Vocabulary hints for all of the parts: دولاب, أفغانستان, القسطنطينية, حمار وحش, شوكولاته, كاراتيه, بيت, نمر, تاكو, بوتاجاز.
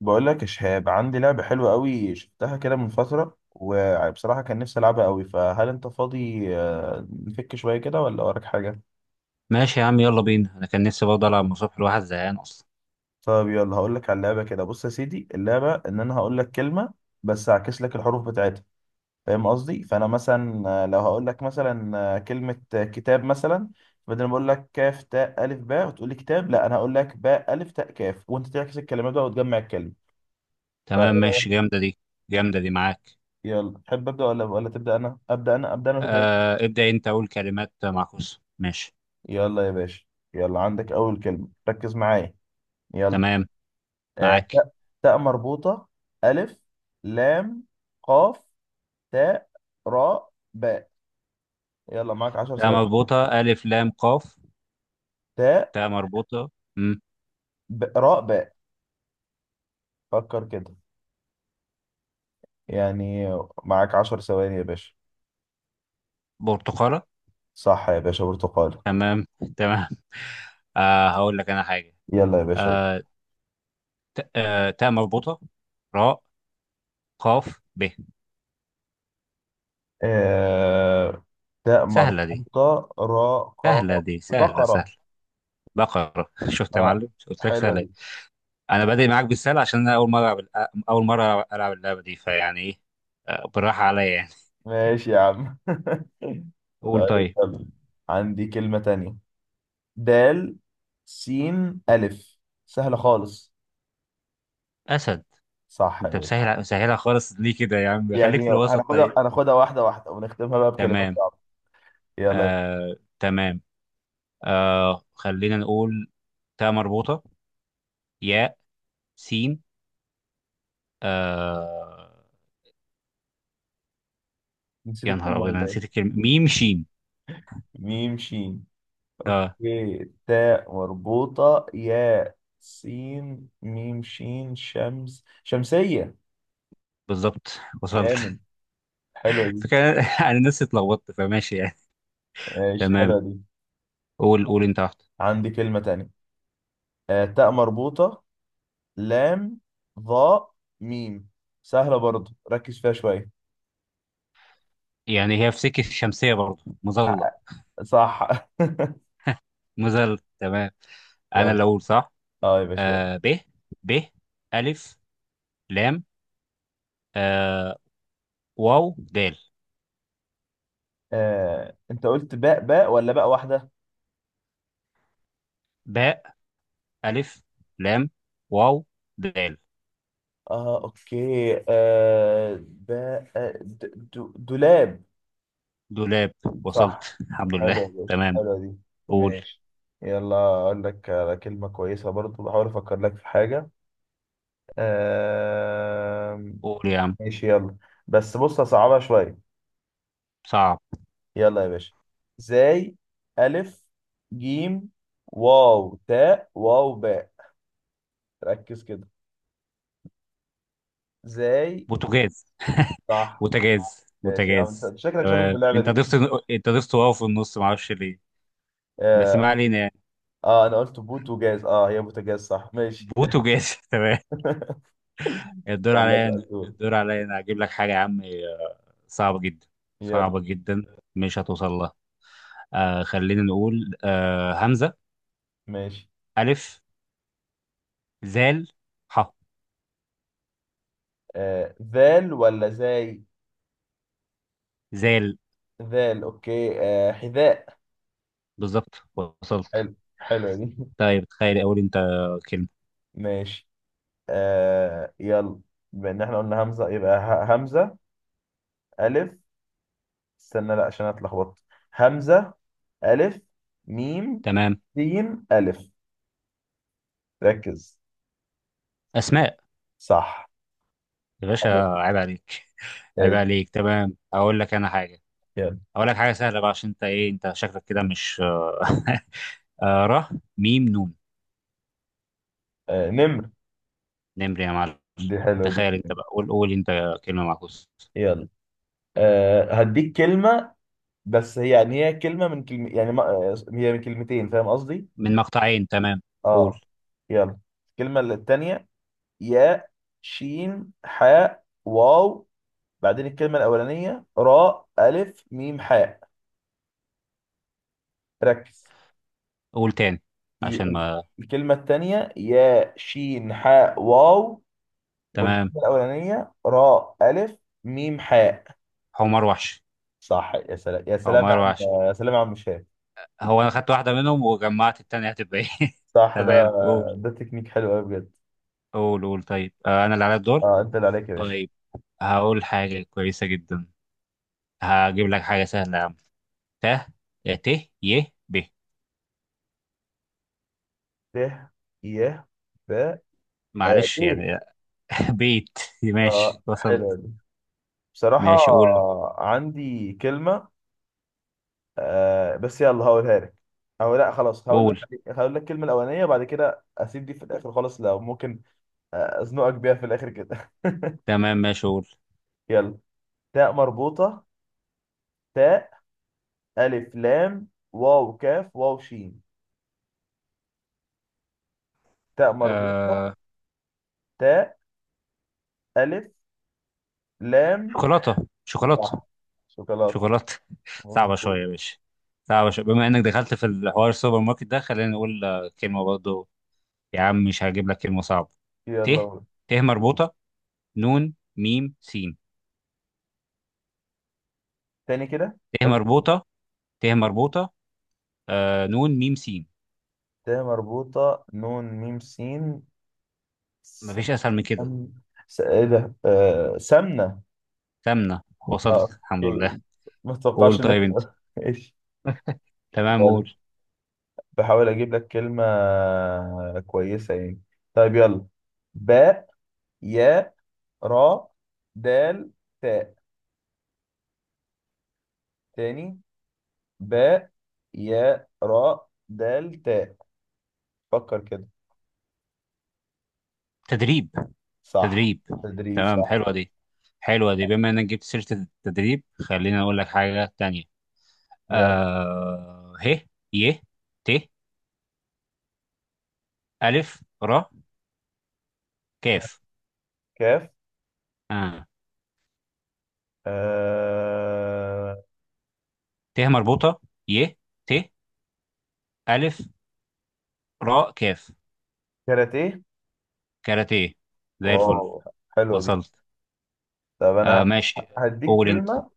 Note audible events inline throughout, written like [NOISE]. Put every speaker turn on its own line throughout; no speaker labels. بقول لك يا شهاب، عندي لعبة حلوة قوي شفتها كده من فترة، وبصراحة كان نفسي ألعبها قوي. فهل أنت فاضي نفك شوية كده ولا وراك حاجة؟
ماشي يا عم، يلا بينا. انا كان نفسي برضه العب من الصبح، الواحد زهقان اصلا.
طب يلا هقول لك على اللعبة. كده بص يا سيدي، اللعبة إن أنا هقول لك كلمة بس هعكس لك الحروف بتاعتها. فاهم قصدي؟ فأنا مثلا لو هقول لك مثلا كلمة كتاب مثلا، بدل ما أقول لك كاف تاء ألف باء وتقول لي كتاب، لا، أنا هقول لك باء ألف تاء كاف وأنت تعكس الكلمات بقى وتجمع الكلمة.
تمام ماشي، جامده دي. جامده دي معاك.
فيلا، تحب أبدأ ولا تبدأ أنا؟ أبدأ أنا، أبدأ أنا وتبدأ.
ابدا انت، اقول كلمات معكوسه، ماشي.
يلا يا باشا، يلا عندك أول كلمة، ركز معايا. يلا.
تمام،
آه،
معاك.
تاء، تاء مربوطة، ألف، لام، قاف، تاء، راء، باء. يلا معاك عشر
تاء
ثواني.
مربوطه، الف، لام، قاف.
تاء،
تاء مربوطه. امم
راء، باء. فكر كده، يعني معاك عشر ثواني يا باشا.
برتقاله.
صح يا باشا، برتقالة.
تمام. تمام. [LAUGHS] هقول لك انا حاجه.
يلا يا باشا.
آه تاء. تاء مربوطه، راء، قاف، ب.
آه، تاء
سهله دي،
مربوطة، راء، قاف.
سهله دي، سهله
بقرة.
سهله. بقره. [LAUGHS] شفت يا
اه،
معلم؟ قلت لك
حلوة
سهله.
دي.
انا بادئ معاك بالسهل عشان انا اول مره ألعب. اول مره العب اللعبه دي، فيعني ايه، بالراحه عليا يعني.
ماشي يا عم. [LAUGHS]
قول
طيب
طيب.
يلا، عندي كلمة تانية. دال، سين، ألف. سهلة خالص.
اسد.
صح يا
انت
باشا.
مسهلها خالص ليه كده يا عم؟ خليك في
يعني
الوسط
هناخدها
طيب.
هناخدها واحدة واحدة، ونختمها بقى بكلمات
تمام.
صعبة. يلا يا باشا.
تمام. خلينا نقول، تاء مربوطه، ياء، سين. آه
نسيت
يا نهار
الكلمة
ابيض، انا
ولا
نسيت
ايه؟
الكلمه. ميم، شين.
ميم، شين.
اه.
ي، تاء مربوطة، يا، سين، ميم، شين. شمس، شمسية.
بالظبط،
جامد،
وصلت.
حلوة
[LAUGHS]
دي.
فكان انا نفسي اتلخبطت، فماشي يعني.
ماشي،
تمام.
حلوة دي.
قول، قول انت واحده.
عندي كلمة تانية. تاء مربوطة، لام، ظاء، ميم. سهلة برضو، ركز فيها شوية.
يعني هي في سكه الشمسيه برضه مظله.
ع- صح. [LAUGHS]
ما زلت تمام. انا
يلا.
اللي اقول صح.
اه يا باشا.
ب، ب، الف، لام، آه واو، دال.
انت قلت باء باء ولا باء واحدة؟
باء، الف، لام، واو، دال.
اه، اوكي. باء، دولاب.
دولاب،
صح،
وصلت. [LAUGHS] الحمد
حلو
لله.
يا باشا،
تمام.
حلوة دي.
قول.
ماشي. يلا اقول لك على كلمة كويسة برضو، بحاول افكر لك في حاجة. آه،
قول يا عم.
ماشي يلا، بس بص هصعبها شوية.
صعب.
يلا يا باشا. ازاي، ألف، جيم، واو، تاء، واو، باء. ركز كده. ازاي.
بوتاجاز.
صح.
بوتاجاز.
ماشي يا عم،
بوتاجاز،
انت شكلك شاطر في
تمام،
اللعبة
انت
دي.
ضفت. انت ضفت واو في النص، ما اعرفش ليه. بس ما
اه.
علينا يعني.
آه، انا قلت بوت وجاز، اه هي بوتاجاز، صح ماشي.
بوتاجاز. [LAUGHS] تمام.
[LAUGHS]
الدور
يلا
عليا انا،
سألتوك.
الدور عليا انا هجيب لك حاجه يا عم. صعبه جدا.
يلا.
صعبه جدا، مش هتوصل لها. خلينا نقول، همزة،
ماشي.
ألف، زال، ح،
آه، ذال ولا زاي؟
زال.
ذال، اوكي. آه، حذاء.
بالظبط، وصلت.
حلو، حلوة دي.
طيب، تخيل أقول أنت كلمة.
[LAUGHS] ماشي. آه يلا، بما ان احنا قلنا همزة يبقى همزة، ألف، استنى لا، عشان أنا اتلخبطت. همزة، ألف، ميم،
تمام.
سين، ألف. ركز.
أسماء.
صح.
يا باشا.
حلو.
عيب عليك. عيب
ايش.
عليك تمام. أقول لك أنا حاجة.
يلا.
أقول لك حاجة سهلة بقى، عشان أنت إيه أنت شكلك كده مش. [LAUGHS] ر، ميم، نون.
آه، نمر.
نمر يا معلم.
دي حلوة دي.
تخيل أنت بقى، قول، قول أنت كلمة معكوسة.
يلا. آه، هديك كلمة. بس هي يعني هي كلمة من كلمة، يعني ما هي من كلمتين، فاهم قصدي؟
من مقطعين، تمام.
اه.
قول.
يلا. الكلمة التانية ياء، شين، حاء، واو. بعدين الكلمة الأولانية راء، ألف، ميم، حاء. ركز.
قول تاني عشان
ي-
ما.
الكلمة التانية يا، شين، حاء، واو.
تمام.
والكلمة الأولانية راء، ألف، ميم، حاء.
حمار وحش.
صح، يا سلام، يا سلام يا
حمار
عم.
وحش.
يا سلام يا عم شاه.
هو انا خدت واحده منهم وجمعت التانية هتبقى ايه؟ [LAUGHS]
صح ده،
تمام. قول.
ده تكنيك حلو قوي بجد.
قول قول طيب. انا اللي على الدور.
اه، انت اللي عليك يا باشا.
طيب. هقول حاجه كويسه جدا. هجيب لك حاجه سهله يا عم. ت، يا، ت، ي، ب.
ت، ي، ب. آه،
معلش
بيت.
يعني. [LAUGHS] بيت. ماشي،
اه، حلوة
وصلت.
دي. بصراحة
ماشي، قول.
عندي كلمة. آه بس يلا هقولها لك. او لا، خلاص هقول.
قول.
هقول لك الكلمة الأولانية، بعد كده أسيب دي في الآخر خالص لو ممكن. أزنقك بيها في الآخر كده. [LAUGHS]
تمام، ماشي قول.
يلا. تاء مربوطة، تاء، ألف، لام، واو، كاف، واو، شين. تاء مربوطة،
آه...
تاء، ألف، لام.
شوكولاته. شوكولاته.
صح، شوكولاتة.
شوكولاته. [LAUGHS] صعبه شويه
مظبوط.
يا باشا. صعبه شويه. بما انك دخلت في الحوار السوبر ماركت ده، خلينا نقول كلمه برضه. يا عم، مش هجيب لك كلمة صعبة. ت
يلا قول.
ت مربوطة، نون، ميم، سين.
تاني كده.
ت
قول.
مربوطة. ت مربوطة، نون، ميم، سين.
تاء مربوطة، نون، ميم، سين. سم.
مفيش أسهل من كده.
ايه ده، سمنة.
تمنا،
اه،
وصلت. الحمد
اوكي.
لله.
ما
قول
اتوقعش انك
طيب أنت.
تقول. [LAUGHS] ايش.
تمام.
يلا.
قول.
بحاول اجيب لك كلمة كويسة يعني. طيب يلا. باء، يا، را، دال، تاء. تاني، باء، يا، را، دال، تاء. فكر كده.
تدريب.
صح،
تدريب.
تدريب،
تمام،
صح.
حلوة دي. حلوة دي. بما إنك جبت سيرة التدريب، خلينا أقول لك حاجة تانية.
يلا.
ه، ي، ت، ألف، ر، كاف.
كاف.
آه
آه...
ت مربوطة، ي، ت، ألف، ر، كاف.
كاراتيه.
كاراتيه. زي الفل،
واو، حلوة دي.
وصلت.
طب انا
ماشي.
هديك
قول انت.
كلمة.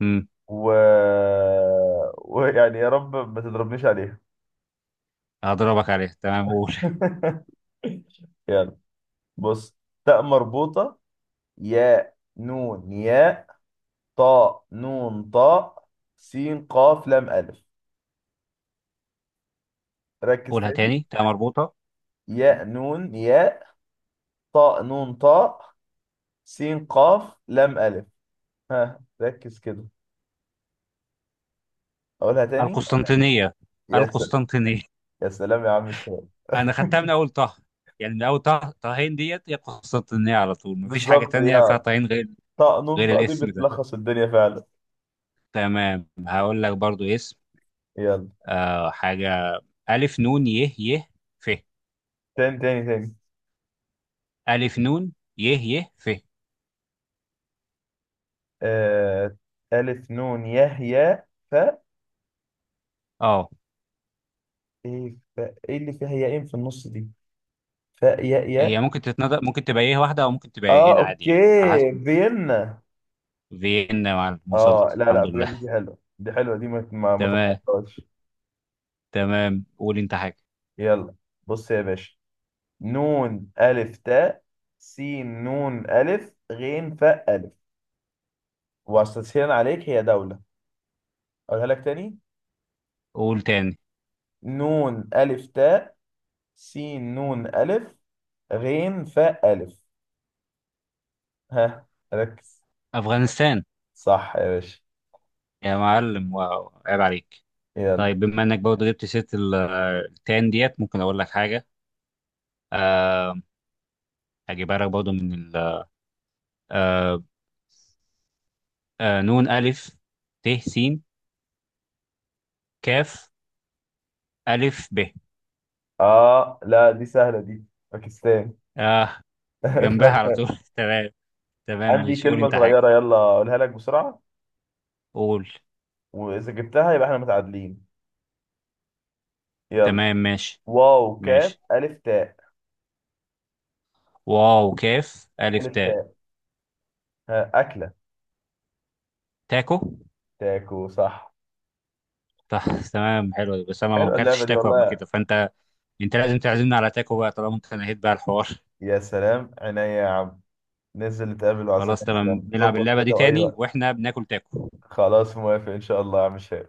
مم.
و... [LAUGHS] ويعني يا رب ما تضربنيش عليها.
هضربك عليه، تمام، قول. [LAUGHS]
[LAUGHS] يلا، بص. تاء مربوطة، يا، نون، يا، طاء، نون، طاء، سين، قاف، لام، ألف. ركز
قولها
تاني.
تاني، تمام مربوطة. مم.
ياء، نون، ياء، طاء، نون، طاء، سين، قاف، لام، ألف. ها، ركز كده، أقولها تاني.
القسطنطينية.
يا سلام،
القسطنطينية،
يا سلام يا عم الشباب.
انا خدتها من اول طه. يعني من اول طه، طهين ديت هي القسطنطينية على طول. مفيش حاجة
بالظبط
تانية فيها
يا،
طهين غير،
طاء، نون،
غير
طاء دي
الاسم ده.
بتلخص الدنيا فعلا.
تمام، هقول لك برضو اسم.
يلا.
حاجة. ألف، نون، يه، يه، ف.
تاني، تاني، تاني.
ألف، نون، يه، يه، ف.
آه... ألف، نون، ياء، ياء، فاء.
اه.
إيه فاء، إيه اللي فيها ياءين في النص دي؟ فاء، ياء، ياء.
هي ممكن تتنطق، ممكن تبقى ايه واحدة او ممكن تبقى
آه،
ايه عادي يعني، على
أوكي.
حسب.
فيينا.
فيينا يا معلم،
آه
وصلت.
لا لا،
الحمد لله.
بجد دي حلوة، دي حلوة دي، ما
تمام.
تتحطهاش.
تمام، قول انت حاجة.
يلا، بص يا باشا. نون، ألف، تاء، سين، نون، ألف، غين، فاء، ألف. وتسهيلا عليك، هي دولة. أقولها لك تاني.
قول تاني.
نون، ألف، تاء، سين، نون، ألف، غين، فاء، ألف. ها، ركز.
أفغانستان.
صح يا باشا.
يا معلم، واو، عيب عليك.
يلا.
طيب، بما انك برضه جبت سيرة ال- التان ديت ممكن اقول لك حاجة. آه، هجيبها لك برضه من ال آه نون، ألف، ت، س، كاف، ألف، ب.
آه لا، دي سهلة دي، باكستان.
آه
[LAUGHS]
جنبها على
طب
طول. [LAUGHS] تمام. تمام،
عندي
ماشي، قول
كلمة
انت حاجة.
صغيرة، يلا أقولها لك بسرعة،
قول.
وإذا جبتها يبقى إحنا متعادلين. يلا.
تمام، ماشي.
واو، كاف،
ماشي،
ألف، تاء.
واو، كاف، ألف،
ألف،
تاء.
تاء. ها، أكلة.
تاكو،
تاكو، صح.
صح. تمام، حلو. بس انا ما
حلوه اللعبه
اكلتش
دي
تاكو قبل
والله.
كده فانت، انت لازم تعزمنا على تاكو بقى طالما انت نهيت بقى الحوار. [LAUGHS]
يا سلام عينيا يا عم، ننزل نتقابل وأعزمك
خلاص،
يا
تمام،
عم،
نلعب
ظبط
اللعبه دي
كده، واي
تاني
وقت.
واحنا بناكل تاكو.
خلاص، موافق ان شاء الله يا عم شيخ.